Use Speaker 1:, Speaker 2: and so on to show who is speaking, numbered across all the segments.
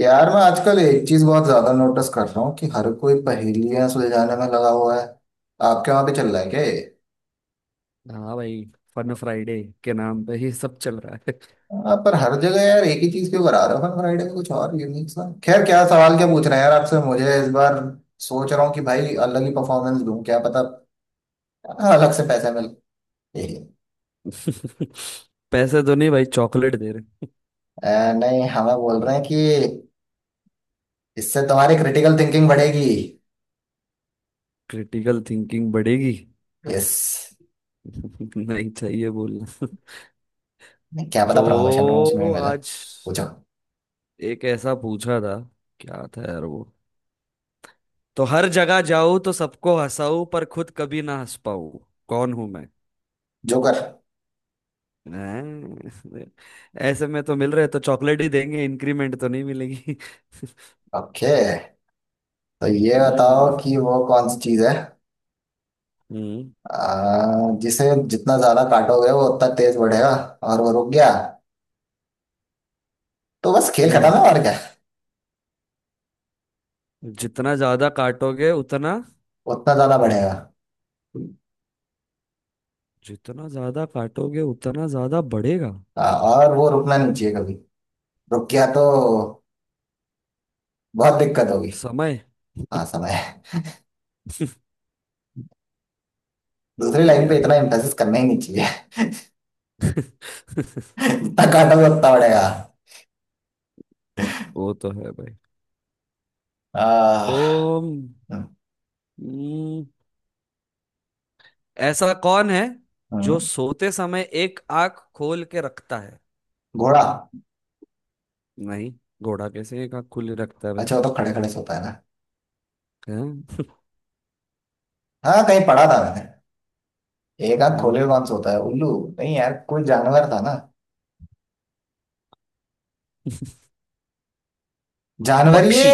Speaker 1: यार मैं आजकल एक चीज बहुत ज्यादा नोटिस कर रहा हूँ कि हर कोई पहेलियां सुलझाने में लगा हुआ है। आपके वहां पे चल रहा है क्या ये?
Speaker 2: हाँ भाई। फन फ्राइडे के नाम पे ये सब चल रहा है।
Speaker 1: हाँ, पर हर जगह यार एक ही चीज क्यों करा रहे हो हर फ्राइडे को कुछ और यूनिक सा। खैर क्या सवाल क्या पूछ रहे हैं यार आपसे मुझे इस बार। सोच रहा हूँ कि भाई अलग ही परफॉर्मेंस दूं क्या पता। हाँ, अलग से पैसा मिले।
Speaker 2: पैसे तो नहीं भाई, चॉकलेट दे रहे।
Speaker 1: नहीं हमें बोल रहे हैं कि इससे तुम्हारी क्रिटिकल थिंकिंग बढ़ेगी।
Speaker 2: क्रिटिकल थिंकिंग बढ़ेगी।
Speaker 1: यस।
Speaker 2: नहीं चाहिए बोलना।
Speaker 1: क्या पता प्रमोशन प्रमोशन में
Speaker 2: तो
Speaker 1: मिले।
Speaker 2: आज
Speaker 1: पूछो।
Speaker 2: एक ऐसा पूछा था। क्या था यार वो। तो हर जगह जाऊं तो सबको हंसाऊं, पर खुद कभी ना हंस पाऊं। कौन हूं मैं?
Speaker 1: जोकर।
Speaker 2: हैं? ऐसे में तो मिल रहे तो चॉकलेट ही देंगे, इंक्रीमेंट तो नहीं मिलेगी।
Speaker 1: ओके। तो ये बताओ
Speaker 2: हम्म,
Speaker 1: कि वो कौन सी चीज है जिसे जितना ज्यादा काटोगे वो उतना तेज बढ़ेगा। और वो रुक गया तो बस खेल खत्म
Speaker 2: हम्म।
Speaker 1: है और क्या।
Speaker 2: जितना ज्यादा काटोगे उतना।
Speaker 1: उतना ज्यादा बढ़ेगा।
Speaker 2: जितना ज्यादा काटोगे उतना ज्यादा बढ़ेगा।
Speaker 1: और वो रुकना नहीं चाहिए कभी। रुक गया तो बहुत दिक्कत होगी।
Speaker 2: समय।
Speaker 1: हाँ समय। दूसरी लाइन पे
Speaker 2: बढ़िया।
Speaker 1: इतना एम्फेसिस करना ही नहीं चाहिए। जितना काटोगे उतना बढ़ेगा।
Speaker 2: वो तो है भाई। तो
Speaker 1: आ, हम्म।
Speaker 2: हम्म, ऐसा कौन है जो
Speaker 1: हम्म।
Speaker 2: सोते समय एक आंख खोल के रखता है?
Speaker 1: घोड़ा।
Speaker 2: नहीं। घोड़ा कैसे एक आंख खुली रखता है भाई?
Speaker 1: अच्छा वो तो खड़े खड़े सोता है ना।
Speaker 2: हैं?
Speaker 1: हाँ कहीं पढ़ा था मैंने। एक आंख खोले हुए
Speaker 2: हम्म।
Speaker 1: कौन सोता है? उल्लू। नहीं यार कोई जानवर था ना। जानवर ये।
Speaker 2: पक्षी।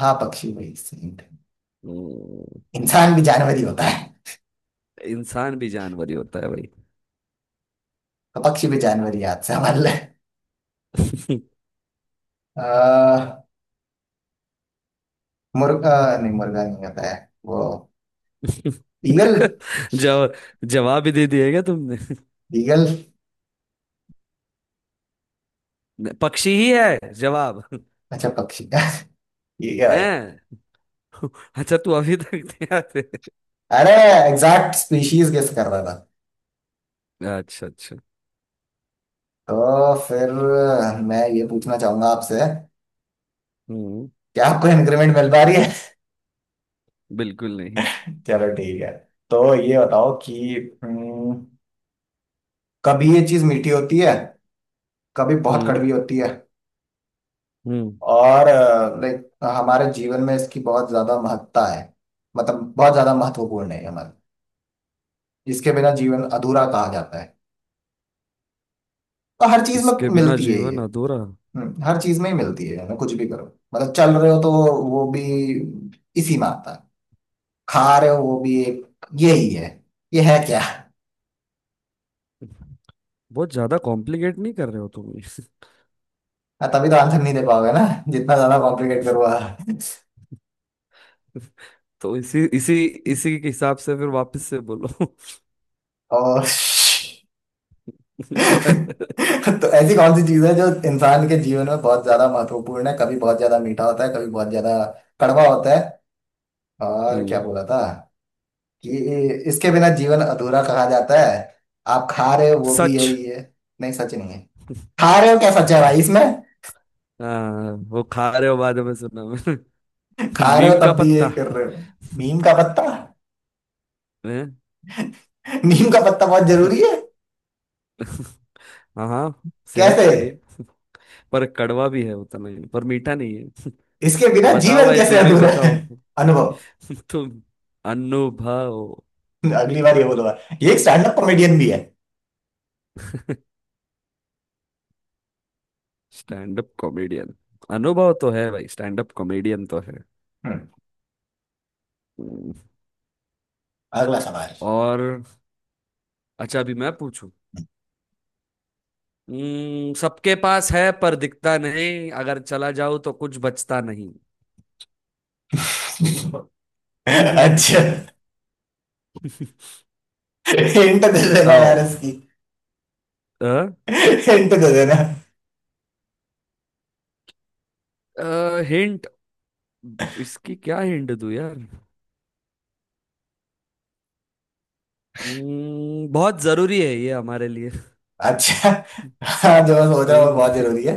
Speaker 1: हाँ पक्षी वही सही है।
Speaker 2: हम्म,
Speaker 1: इंसान भी जानवर ही होता है।
Speaker 2: इंसान भी जानवर ही होता है भाई।
Speaker 1: तो पक्षी भी जानवर ही याद से हमारे लिए। अह, मुर्गा। नहीं मुर्गा नहीं होता है। वो ईगल।
Speaker 2: जवाब। जवाब ही दे दिएगा तुमने।
Speaker 1: ईगल।
Speaker 2: पक्षी ही है जवाब।
Speaker 1: अच्छा पक्षी का। ठीक है भाई।
Speaker 2: हैं। अच्छा, तू अभी तक तैयार है?
Speaker 1: अरे एग्जैक्ट स्पीशीज गेस कर रहा था।
Speaker 2: अच्छा, अच्छा।
Speaker 1: तो फिर मैं ये पूछना चाहूंगा आपसे,
Speaker 2: हम्म।
Speaker 1: क्या आपको इंक्रीमेंट मिल पा रही है?
Speaker 2: बिल्कुल नहीं।
Speaker 1: चलो ठीक है। तो ये बताओ कि हम्म, कभी ये चीज मीठी होती है कभी बहुत
Speaker 2: हम्म,
Speaker 1: कड़वी होती है।
Speaker 2: हम्म।
Speaker 1: और लाइक हमारे जीवन में इसकी बहुत ज्यादा महत्ता है। मतलब बहुत ज्यादा महत्वपूर्ण है ये हमारा। इसके बिना जीवन अधूरा कहा जाता है। तो हर चीज में
Speaker 2: इसके बिना
Speaker 1: मिलती है ये।
Speaker 2: जीवन अधूरा।
Speaker 1: हर चीज में ही मिलती है ना कुछ भी करो। मतलब चल रहे हो तो वो भी इसी में आता है। खा रहे हो वो भी एक। ये ही है। ये है क्या? हाँ,
Speaker 2: बहुत ज्यादा कॉम्प्लिकेट नहीं कर रहे हो तुम ये।
Speaker 1: तभी तो आंसर नहीं दे पाओगे ना। जितना ज्यादा कॉम्प्लिकेट करूंगा
Speaker 2: तो इसी इसी इसी के हिसाब से फिर वापस से बोलो।
Speaker 1: और। तो ऐसी कौन सी चीज है जो इंसान के जीवन में बहुत ज्यादा महत्वपूर्ण है? कभी बहुत ज्यादा मीठा होता है कभी बहुत ज्यादा कड़वा होता है। और क्या
Speaker 2: हम्म।
Speaker 1: बोला था कि इसके बिना जीवन अधूरा कहा जाता है। आप खा रहे हो वो भी
Speaker 2: सच?
Speaker 1: यही है। नहीं सच नहीं है। खा रहे हो क्या सच है
Speaker 2: अच्छा,
Speaker 1: भाई इसमें।
Speaker 2: हाँ, वो खा रहे हो बाद में सुना मैंने।
Speaker 1: खा रहे हो
Speaker 2: नीम का
Speaker 1: तब भी
Speaker 2: पत्ता।
Speaker 1: यही कर रहे हो। नीम का पत्ता।
Speaker 2: हैं?
Speaker 1: नीम का पत्ता बहुत जरूरी है।
Speaker 2: हाँ, हाँ, सेहत
Speaker 1: कैसे?
Speaker 2: के लिए। पर कड़वा भी है उतना ही, पर मीठा नहीं है।
Speaker 1: इसके बिना
Speaker 2: बताओ
Speaker 1: जीवन
Speaker 2: भाई,
Speaker 1: कैसे
Speaker 2: तुम ही
Speaker 1: अधूरा है?
Speaker 2: बताओ।
Speaker 1: अनुभव।
Speaker 2: तुम। अनुभव।
Speaker 1: अगली बार ये बोलूंगा ये एक स्टैंड अप कॉमेडियन भी है।
Speaker 2: Stand up comedian. अनुभव तो है भाई, स्टैंड अप कॉमेडियन तो है।
Speaker 1: हम्म,
Speaker 2: हम्म।
Speaker 1: अगला सवाल।
Speaker 2: और अच्छा, अभी मैं पूछूं। सबके पास है पर दिखता नहीं, अगर चला जाऊं तो कुछ बचता नहीं।
Speaker 1: अच्छा हिंट दे देना यार
Speaker 2: बताओ।
Speaker 1: इसकी।
Speaker 2: अ?
Speaker 1: हिंट दे देना।
Speaker 2: हिंट। इसकी क्या हिंट दूं यार। बहुत जरूरी है ये हमारे लिए।
Speaker 1: अच्छा हाँ जो मैं सोच रहा हूँ वो
Speaker 2: हम्म।
Speaker 1: बहुत जरूरी है।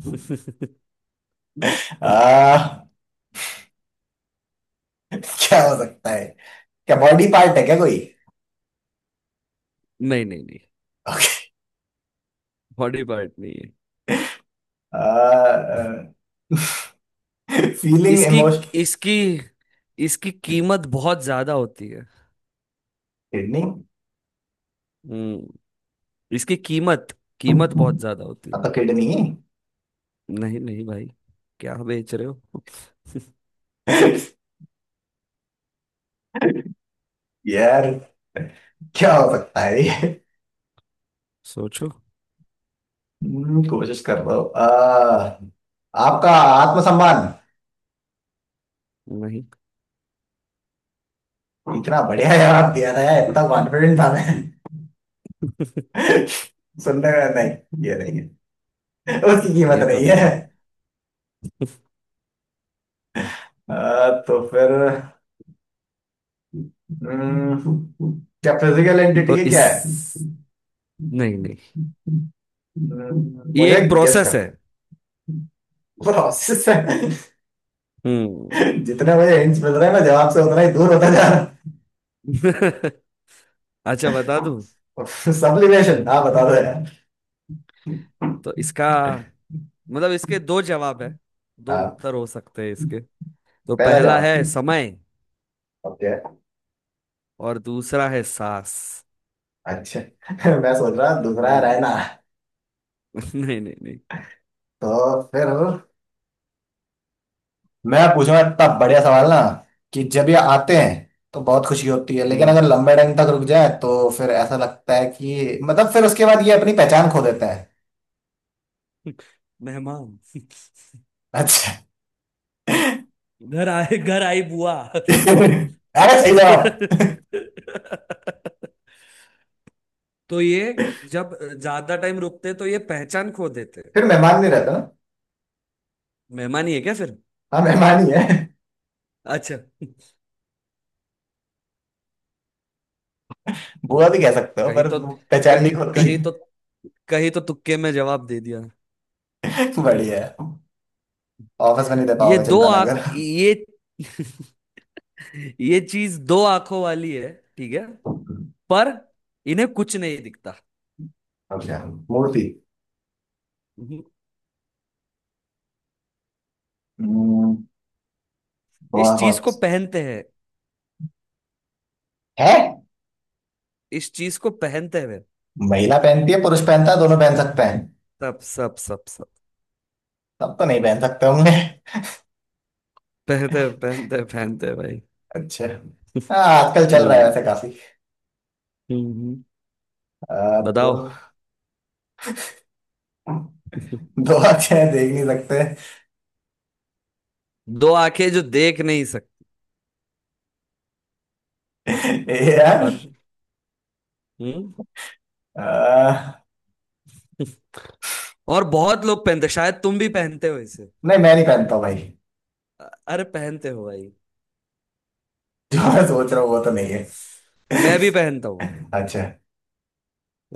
Speaker 1: आ, क्या हो सकता है? क्या बॉडी पार्ट है क्या कोई?
Speaker 2: नहीं, नहीं, नहीं। बॉडी पार्ट नहीं।
Speaker 1: फीलिंग
Speaker 2: इसकी
Speaker 1: इमोशन।
Speaker 2: इसकी इसकी कीमत बहुत ज्यादा होती है।
Speaker 1: किडनी हाँ।
Speaker 2: हम्म। इसकी कीमत, कीमत बहुत ज्यादा होती है।
Speaker 1: तो किडनी।
Speaker 2: नहीं, नहीं भाई, क्या बेच रहे हो?
Speaker 1: यार क्या हो सकता है ये?
Speaker 2: सोचो।
Speaker 1: कोशिश कर रहा हूँ आपका आत्मसम्मान।
Speaker 2: नहीं,
Speaker 1: इतना बढ़िया जवाब दिया था यार, इतना कॉन्फिडेंट था मैं। सुनने में नहीं ये नहीं है। उसकी कीमत
Speaker 2: ये तो
Speaker 1: नहीं
Speaker 2: नहीं
Speaker 1: है।
Speaker 2: है।
Speaker 1: तो फिर हम्म, क्या फिजिकल एंटिटी
Speaker 2: तो
Speaker 1: है
Speaker 2: इस
Speaker 1: क्या है?
Speaker 2: नहीं, नहीं, ये
Speaker 1: मुझे
Speaker 2: एक
Speaker 1: गेस कर।
Speaker 2: प्रोसेस है।
Speaker 1: प्रोसेस है।
Speaker 2: हम्म।
Speaker 1: जितने मुझे हिंट्स मिल रहे हैं मैं जवाब से उतना ही दूर होता जा रहा
Speaker 2: अच्छा, बता दूं।
Speaker 1: हूँ। सब्लिमेशन हाँ बता दो यार।
Speaker 2: तो इसका मतलब इसके दो जवाब है, दो
Speaker 1: हाँ।
Speaker 2: उत्तर हो सकते हैं इसके। तो
Speaker 1: पहला
Speaker 2: पहला
Speaker 1: जवाब।
Speaker 2: है समय,
Speaker 1: ओके।
Speaker 2: और दूसरा है सांस।
Speaker 1: अच्छा मैं सोच रहा दूसरा है
Speaker 2: हम्म।
Speaker 1: रहना।
Speaker 2: नहीं, नहीं, नहीं।
Speaker 1: तो फिर मैं पूछूंगा इतना बढ़िया सवाल ना कि जब ये आते हैं तो बहुत खुशी होती है लेकिन
Speaker 2: हम्म।
Speaker 1: अगर लंबे टाइम तक रुक जाए तो फिर ऐसा लगता है कि मतलब फिर उसके बाद ये अपनी पहचान खो देता
Speaker 2: मेहमान।
Speaker 1: है।
Speaker 2: घर आए, घर आई बुआ।
Speaker 1: अरे सही जवाब।
Speaker 2: तो ये जब ज्यादा टाइम रुकते तो ये पहचान खो देते।
Speaker 1: फिर मेहमान नहीं रहता ना।
Speaker 2: मेहमान ही है क्या फिर?
Speaker 1: हाँ मेहमान ही है।
Speaker 2: अच्छा।
Speaker 1: बुआ
Speaker 2: चलो।
Speaker 1: भी कह सकते हो
Speaker 2: कहीं
Speaker 1: पर
Speaker 2: तो
Speaker 1: वो पहचान नहीं
Speaker 2: कहीं
Speaker 1: होती।
Speaker 2: कहीं तो कहीं तो तुक्के में जवाब दे दिया।
Speaker 1: बढ़िया है। ऑफिस में नहीं दे
Speaker 2: ये
Speaker 1: पाओगे
Speaker 2: दो
Speaker 1: चिंता ना
Speaker 2: आंख
Speaker 1: कर।
Speaker 2: ये ये चीज दो आंखों वाली है, ठीक है।
Speaker 1: अब
Speaker 2: पर इन्हें कुछ नहीं दिखता।
Speaker 1: क्या? मूर्ति। हम्म, बुआ
Speaker 2: इस चीज को
Speaker 1: बहुत
Speaker 2: पहनते हैं
Speaker 1: है।
Speaker 2: इस चीज को पहनते हैं
Speaker 1: महिला पहनती है पुरुष पहनता है दोनों पहन सकते हैं।
Speaker 2: सब, सब, सब, सब।
Speaker 1: सब तो नहीं पहन सकते होंगे।
Speaker 2: पहनते, पहनते, पहनते भाई।
Speaker 1: अच्छा हाँ आजकल चल रहा है
Speaker 2: हम्म,
Speaker 1: वैसे काफी।
Speaker 2: हम्म।
Speaker 1: तो
Speaker 2: बताओ।
Speaker 1: दो अच्छे हैं, देख नहीं
Speaker 2: दो आंखें जो देख नहीं सकते,
Speaker 1: सकते ए यार।
Speaker 2: पर हम्म।
Speaker 1: आ,
Speaker 2: और बहुत लोग पहनते, शायद तुम भी पहनते हो इसे।
Speaker 1: नहीं मैं नहीं पहनता हूँ भाई।
Speaker 2: अरे पहनते हो भाई।
Speaker 1: जो मैं सोच रहा हूँ वो तो नहीं है।
Speaker 2: मैं भी पहनता हूँ।
Speaker 1: अच्छा।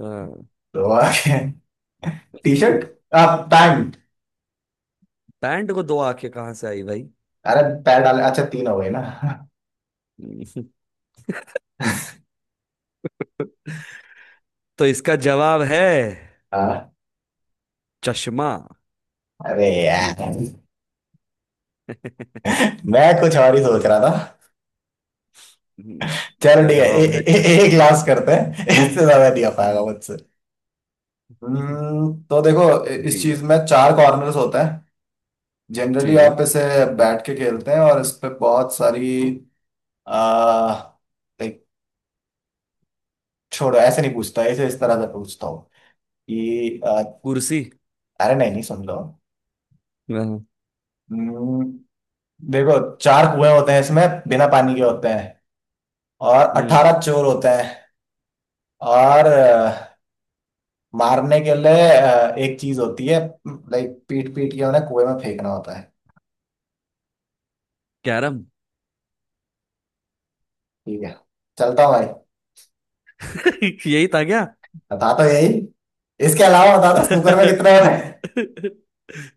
Speaker 2: हाँ।
Speaker 1: तो टी शर्ट। आप पैंट।
Speaker 2: पैंट को दो आंखें कहाँ से आई भाई?
Speaker 1: अरे पैर डाले अच्छा तीन हो गए ना।
Speaker 2: तो इसका जवाब है
Speaker 1: हाँ।
Speaker 2: चश्मा।
Speaker 1: अरे यार मैं कुछ और ही सोच रहा था। चलो
Speaker 2: इसका
Speaker 1: ठीक है ए,
Speaker 2: जवाब है
Speaker 1: ए, ए, एक
Speaker 2: चश्मा।
Speaker 1: लास्ट करते हैं इससे ज्यादा नहीं हो पाएगा
Speaker 2: हम्म।
Speaker 1: मुझसे। तो देखो इस
Speaker 2: ठीक है,
Speaker 1: चीज में चार कॉर्नर्स होते हैं। जनरली
Speaker 2: ठीक है।
Speaker 1: आप इसे बैठ के खेलते हैं और इस पे बहुत सारी आ, एक। छोड़ो ऐसे नहीं पूछता, इसे इस तरह से पूछता हूँ कि
Speaker 2: कुर्सी?
Speaker 1: अरे नहीं नहीं सुन लो।
Speaker 2: हाँ।
Speaker 1: हम्म, देखो चार कुएं होते हैं इसमें। बिना पानी के होते हैं और
Speaker 2: हम्म।
Speaker 1: 18 चोर होते हैं। और मारने के लिए एक चीज होती है, लाइक पीट पीट के उन्हें कुएं में फेंकना होता है।
Speaker 2: कैरम।
Speaker 1: ठीक है चलता हूँ भाई।
Speaker 2: यही था क्या?
Speaker 1: बता तो यही। इसके अलावा बता दो स्नूकर में कितने होते हैं।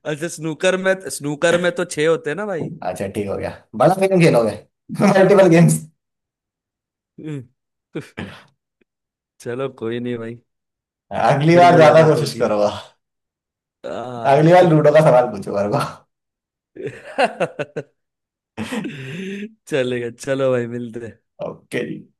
Speaker 2: अच्छा, स्नूकर में तो छह होते हैं ना भाई।
Speaker 1: अच्छा ठीक हो गया बड़ा गेम खेलोगे मल्टीपल गेम्स।
Speaker 2: हम्म, चलो कोई नहीं भाई।
Speaker 1: अगली
Speaker 2: फिर
Speaker 1: बार ज्यादा
Speaker 2: मुलाकात
Speaker 1: कोशिश
Speaker 2: होगी।
Speaker 1: करूंगा।
Speaker 2: आ
Speaker 1: अगली बार लूडो का सवाल पूछूंगा।
Speaker 2: चलेगा, चलो भाई, मिलते हैं।
Speaker 1: ओके।